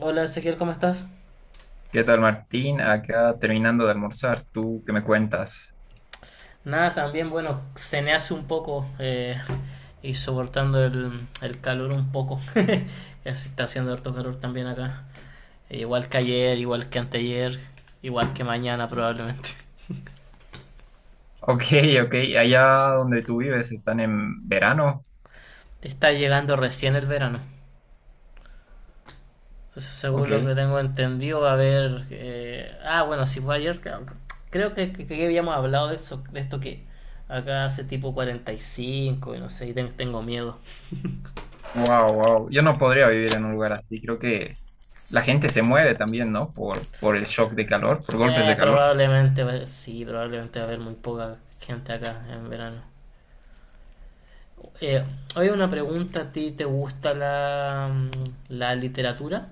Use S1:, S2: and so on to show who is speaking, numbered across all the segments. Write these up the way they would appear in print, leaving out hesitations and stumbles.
S1: Hola Ezequiel, ¿cómo estás?
S2: ¿Qué tal, Martín? Acá terminando de almorzar, ¿tú qué me cuentas?
S1: Nada, también, bueno, cené hace un poco y soportando el calor un poco. Ya se está haciendo harto calor también acá. Igual que ayer, igual que anteayer, igual que mañana probablemente.
S2: Ok, ok, allá donde tú vives están en verano.
S1: Te Está llegando recién el verano. Entonces, según
S2: Ok,
S1: lo que tengo entendido, va a haber bueno, si fue ayer, creo que habíamos hablado de eso, de esto que acá hace tipo 45 y cinco y no sé, y tengo miedo.
S2: wow, wow. Yo no podría vivir en un lugar así. Creo que la gente se muere también, ¿no? Por el shock de calor, por golpes de calor.
S1: Probablemente, pues, sí, probablemente va a haber muy poca gente acá en verano. Eh, Hoy una pregunta, ¿a ti te gusta la literatura?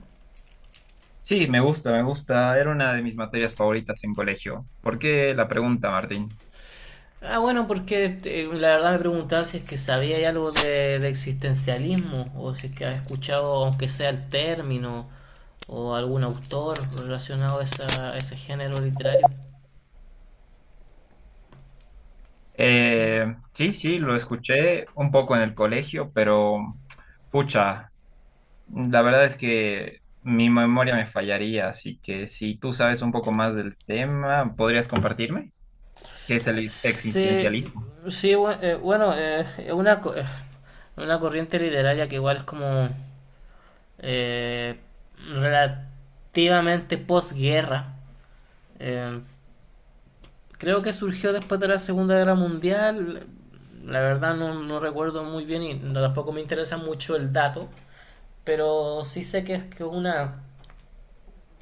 S2: Sí, me gusta, me gusta. Era una de mis materias favoritas en colegio. ¿Por qué la pregunta, Martín?
S1: Ah, bueno, porque la verdad me preguntaba si es que sabía algo de existencialismo, o si es que has escuchado, aunque sea, el término, o algún autor relacionado a a ese género literario.
S2: Sí, sí, lo escuché un poco en el colegio, pero pucha. La verdad es que mi memoria me fallaría, así que si tú sabes un poco más del tema, ¿podrías compartirme? ¿Qué es
S1: Sí,
S2: existencialismo?
S1: sí, bueno, es una, una corriente literaria que igual es como eh, relativamente posguerra. Eh, Creo que surgió después de la Segunda Guerra Mundial. La verdad no recuerdo muy bien y tampoco me interesa mucho el dato. Pero sí sé que es que una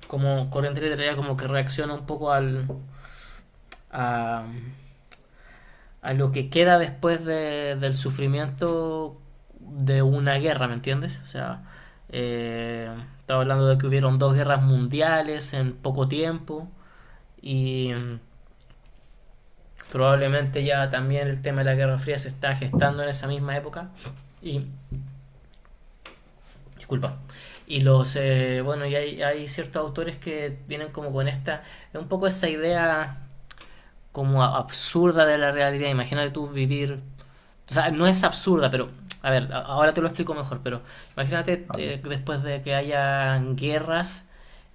S1: como corriente literaria como que reacciona un poco a, a lo que queda después del sufrimiento de una guerra, ¿me entiendes? O sea, eh, estaba hablando de que hubieron 2 guerras mundiales en poco tiempo y probablemente ya también el tema de la Guerra Fría se está gestando en esa misma época. Y disculpa. Y bueno, y hay ciertos autores que vienen como con esta, un poco esa idea como absurda de la realidad. Imagínate tú vivir. O sea, no es absurda, pero a ver, ahora te lo explico mejor, pero imagínate
S2: A ver.
S1: después de que haya guerras,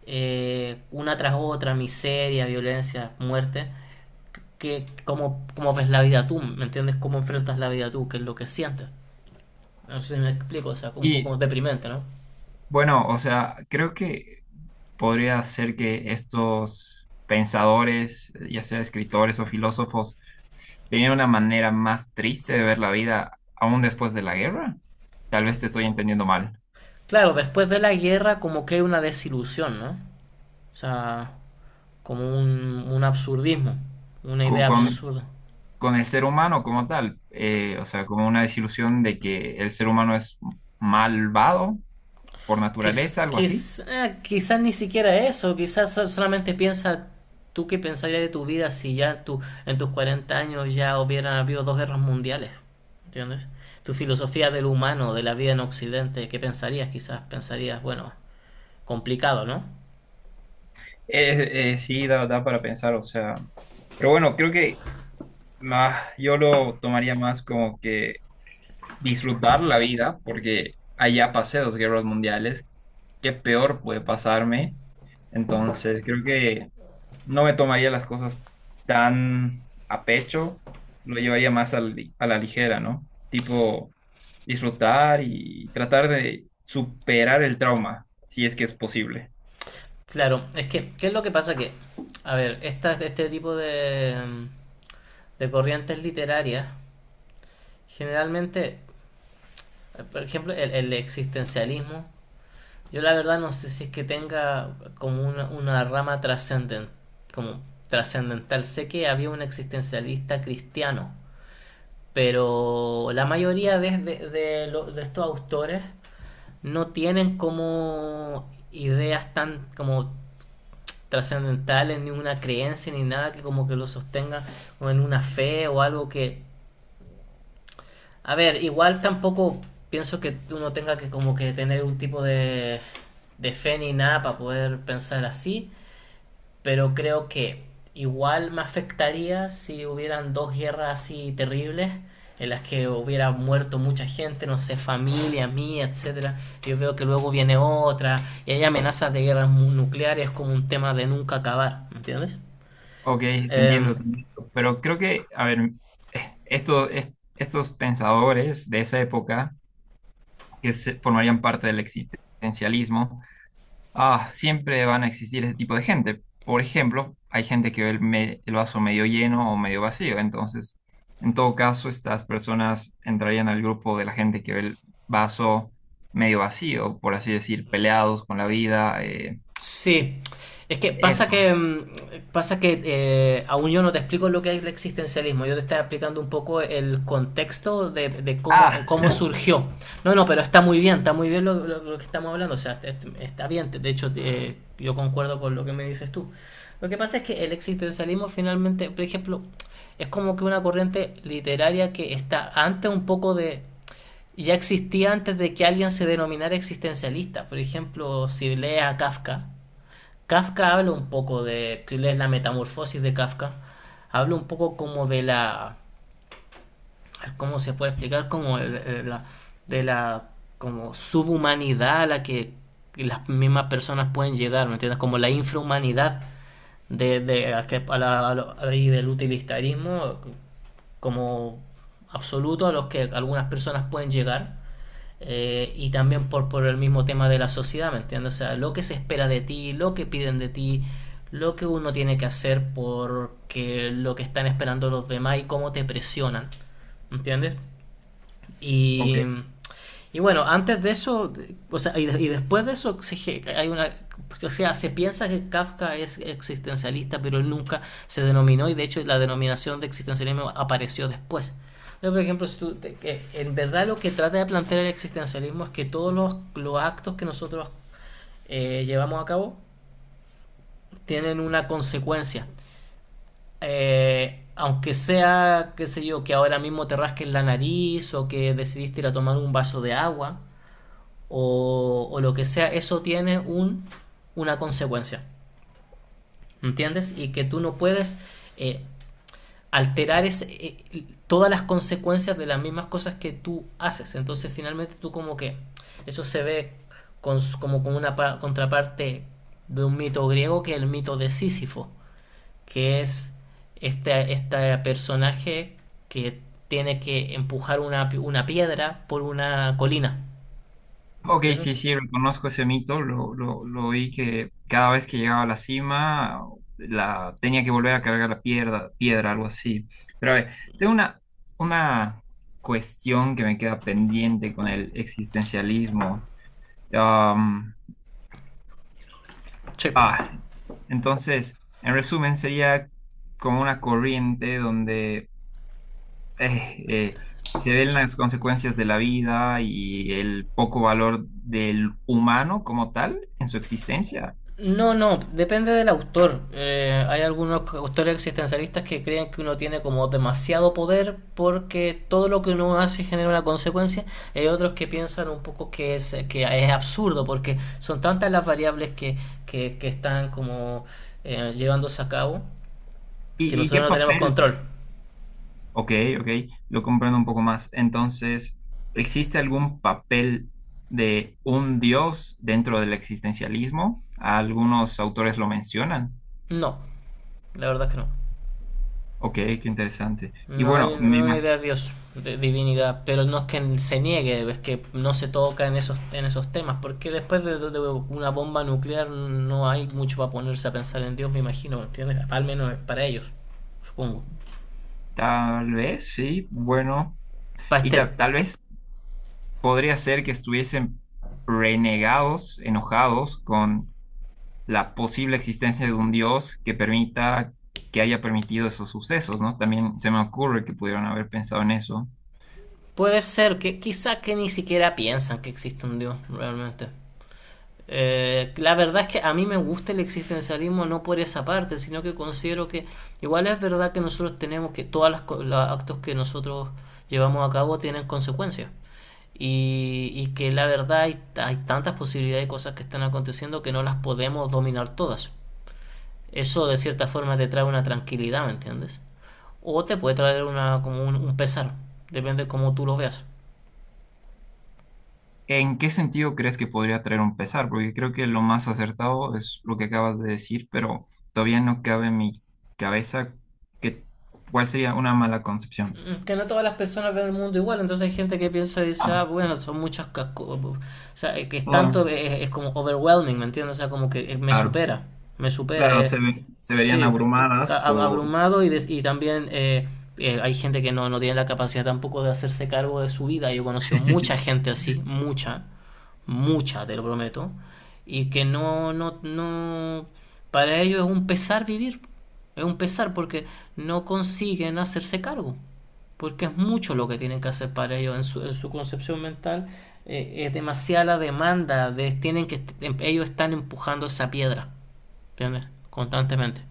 S1: una tras otra, miseria, violencia, muerte, que, ¿cómo, cómo ves la vida tú? ¿Me entiendes? ¿Cómo enfrentas la vida tú? ¿Qué es lo que sientes? No sé si me explico, o sea, un
S2: Y
S1: poco deprimente, ¿no?
S2: bueno, o sea, creo que podría ser que estos pensadores, ya sea escritores o filósofos, tenían una manera más triste de ver la vida aún después de la guerra. Tal vez te estoy entendiendo mal.
S1: Claro, después de la guerra como que hay una desilusión, ¿no? O sea, como un absurdismo, una
S2: Cu-
S1: idea
S2: Mm,
S1: absurda.
S2: con el ser humano como tal, o sea, como una desilusión de que el ser humano es malvado por naturaleza, algo así.
S1: Quizás ni siquiera eso, quizás solamente piensa tú qué pensarías de tu vida si ya tú, en tus 40 años, ya hubieran habido 2 guerras mundiales, ¿entiendes? Tu filosofía del humano, de la vida en Occidente, ¿qué pensarías? Quizás pensarías, bueno, complicado, ¿no?
S2: Sí, da para pensar, o sea, pero bueno, creo que más, yo lo tomaría más como que disfrutar la vida, porque allá pasé dos guerras mundiales, ¿qué peor puede pasarme? Entonces, creo que no me tomaría las cosas tan a pecho, lo llevaría más a la ligera, ¿no? Tipo, disfrutar y tratar de superar el trauma, si es que es posible.
S1: Claro, es que ¿qué es lo que pasa? Que, a ver, esta, este tipo de, de corrientes literarias, generalmente, por ejemplo, el existencialismo, yo la verdad no sé si es que tenga como una rama como trascendental. Sé que había un existencialista cristiano, pero la mayoría de estos autores no tienen como ideas tan como trascendentales, ni una creencia, ni nada que como que lo sostenga o en una fe o algo que a ver, igual tampoco pienso que uno tenga que como que tener un tipo de fe ni nada para poder pensar así. Pero creo que igual me afectaría si hubieran 2 guerras así terribles en las que hubiera muerto mucha gente, no sé, familia mía, etcétera. Yo veo que luego viene otra y hay amenazas de guerras nucleares como un tema de nunca acabar, ¿me ¿entiendes?
S2: Ok, te
S1: Em,
S2: entiendo, te entiendo. Pero creo que, a ver, estos pensadores de esa época que se formarían parte del existencialismo. Ah, siempre van a existir ese tipo de gente. Por ejemplo, hay gente que ve el vaso medio lleno o medio vacío. Entonces, en todo caso, estas personas entrarían al grupo de la gente que ve el vaso medio vacío, por así decir, peleados con la vida.
S1: Sí, es que pasa que
S2: Eso.
S1: pasa que aún yo no te explico lo que es el existencialismo, yo te estoy explicando un poco el contexto de cómo,
S2: Ah,
S1: cómo surgió. No, no, pero está muy bien lo que estamos hablando, o sea, está bien, de hecho yo concuerdo con lo que me dices tú. Lo que pasa es que el existencialismo finalmente, por ejemplo, es como que una corriente literaria que está antes un poco de ya existía antes de que alguien se denominara existencialista. Por ejemplo, si lees a Kafka, Kafka habla un poco de, si lees la metamorfosis de Kafka, habla un poco como de la, ¿cómo se puede explicar? Como de la como subhumanidad a la que las mismas personas pueden llegar, ¿me entiendes? Como la infrahumanidad de, a que- a la- a lo- ahí del utilitarismo como absoluto a los que algunas personas pueden llegar, y también por el mismo tema de la sociedad, ¿me entiendes? O sea, lo que se espera de ti, lo que piden de ti, lo que uno tiene que hacer porque lo que están esperando los demás y cómo te presionan, ¿me entiendes? Y
S2: ok.
S1: y bueno, antes de eso, o sea, y y después de eso, se, hay una, o sea, se piensa que Kafka es existencialista, pero él nunca se denominó y de hecho la denominación de existencialismo apareció después. Yo, por ejemplo, si tú te- que en verdad lo que trata de plantear el existencialismo es que todos los actos que nosotros llevamos a cabo tienen una consecuencia. Aunque sea, qué sé yo, que ahora mismo te rasques la nariz o que decidiste ir a tomar un vaso de agua, o lo que sea, eso tiene un, una consecuencia, ¿entiendes? Y que tú no puedes eh, alterar ese, todas las consecuencias de las mismas cosas que tú haces. Entonces finalmente tú como que eso se ve con, como con una contraparte de un mito griego que es el mito de Sísifo, que es este personaje que tiene que empujar una piedra por una colina.
S2: Ok,
S1: ¿Entiendes?
S2: sí, sí, reconozco ese mito, lo oí que cada vez que llegaba a la cima la, tenía que volver a cargar la piedra, algo así. Pero a ver, tengo una cuestión que me queda pendiente con el existencialismo. Am,
S1: Sí.
S2: ah, entonces, en resumen, sería como una corriente donde eh, eh, se ven las consecuencias de la vida y el poco valor del humano como tal en su existencia.
S1: No, no, depende del autor. Hay algunos autores existencialistas que creen que uno tiene como demasiado poder porque todo lo que uno hace genera una consecuencia. Y hay otros que piensan un poco que es absurdo porque son tantas las variables que están como llevándose a cabo que
S2: Y qué
S1: nosotros no tenemos
S2: papel?
S1: control.
S2: Ok, ok, lo comprendo un poco más. Entonces, ¿existe algún papel de un dios dentro del existencialismo? Algunos autores lo mencionan.
S1: No, la verdad es que no.
S2: Ok, qué interesante. Y
S1: No hay,
S2: bueno,
S1: no hay una idea de Dios, de divinidad, pero no es que se niegue, es que no se toca en esos temas, porque después de una bomba nuclear no hay mucho para ponerse a pensar en Dios, me imagino, ¿entiendes? Al menos para ellos, supongo.
S2: tal vez, sí, bueno,
S1: Para
S2: y
S1: este,
S2: tal vez podría ser que estuviesen renegados, enojados con la posible existencia de un Dios que permita, que haya permitido esos sucesos, ¿no? También se me ocurre que pudieron haber pensado en eso.
S1: puede ser que quizá que ni siquiera piensan que existe un Dios, realmente. La verdad es que a mí me gusta el existencialismo no por esa parte, sino que considero que igual es verdad que nosotros tenemos que todos los actos que nosotros llevamos a cabo tienen consecuencias. Y que la verdad hay, hay tantas posibilidades de cosas que están aconteciendo que no las podemos dominar todas. Eso de cierta forma te trae una tranquilidad, ¿me entiendes? O te puede traer una, como un pesar, depende de cómo tú lo veas.
S2: ¿En qué sentido crees que podría traer un pesar? Porque creo que lo más acertado es lo que acabas de decir, pero todavía no cabe en mi cabeza que, cuál sería una mala concepción.
S1: Mm, que no todas las personas ven el mundo igual, entonces hay gente que piensa y dice,
S2: Ah,
S1: ah, bueno, son muchas o sea, que es tanto,
S2: ah,
S1: es como overwhelming, ¿me entiendes? O sea, como que
S2: claro,
S1: me supera,
S2: claro, se verían
S1: sí,
S2: abrumadas por...
S1: abrumado y, y también hay gente que no, no tiene la capacidad tampoco de hacerse cargo de su vida, yo he conocido mucha gente así, mucha, mucha, te lo prometo, y que no, no, no, para ellos es un pesar vivir, es un pesar porque no consiguen hacerse cargo porque es mucho lo que tienen que hacer para ellos en su concepción mental. Eh, es demasiada la demanda, de, tienen que, ellos están empujando esa piedra, ¿entiendes? Constantemente.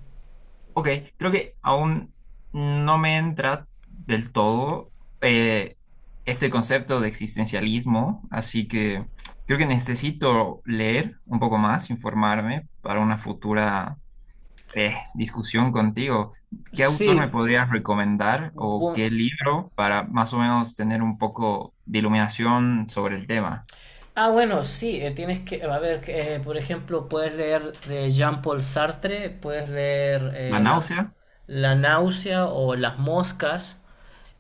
S2: Ok, creo que aún no me entra del todo eh, este concepto de existencialismo, así que creo que necesito leer un poco más, informarme para una futura discusión contigo. ¿Qué autor me
S1: Sí,
S2: podrías recomendar o
S1: bu-
S2: qué libro para más o menos tener un poco de iluminación sobre el tema?
S1: bueno, sí, tienes que, a ver, que, por ejemplo, puedes leer de Jean-Paul Sartre, puedes leer
S2: ¿La
S1: la,
S2: náusea?
S1: La náusea o Las moscas,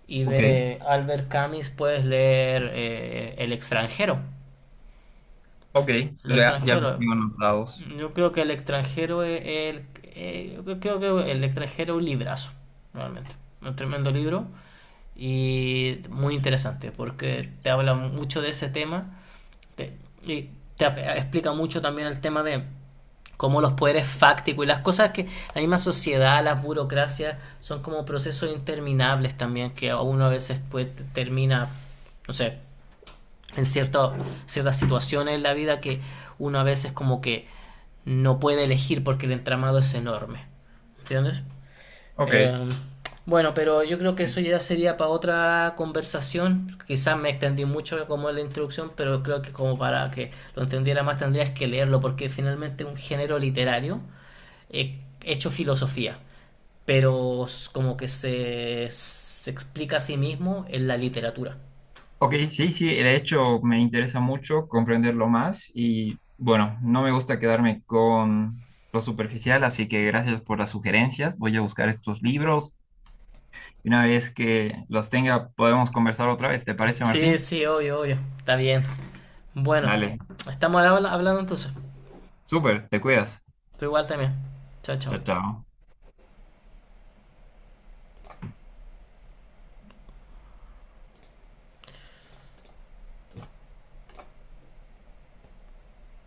S1: y
S2: Ok,
S1: de Albert Camus puedes leer El extranjero.
S2: ok,
S1: El
S2: ya, ya los
S1: extranjero.
S2: tengo anotados.
S1: Yo creo que el extranjero es yo creo que el extranjero es un librazo, realmente. Un tremendo libro y muy interesante porque te habla mucho de ese tema, te- y explica mucho también el tema de cómo los poderes fácticos y las cosas que la misma sociedad, las burocracias, son como procesos interminables también que a uno a veces pues, termina, no sé, en cierto, ciertas situaciones en la vida que uno a veces como que no puede elegir porque el entramado es enorme. ¿Entiendes?
S2: Ok.
S1: Eh, bueno, pero yo creo que eso ya sería para otra conversación. Quizás me extendí mucho como en la introducción, pero creo que como para que lo entendiera más tendrías que leerlo porque finalmente es un género literario hecho filosofía, pero como que se explica a sí mismo en la literatura.
S2: Ok, sí, sí, de hecho me interesa mucho comprenderlo más y bueno, no me gusta quedarme con lo superficial, así que gracias por las sugerencias. Voy a buscar estos libros y una vez que los tenga podemos conversar otra vez. ¿Te parece,
S1: Sí,
S2: Martín?
S1: sí, obvio, obvio. Está bien. Bueno,
S2: Dale,
S1: estamos hablando entonces.
S2: súper, te cuidas.
S1: Tú igual también. Chao, chao.
S2: Chao, chao.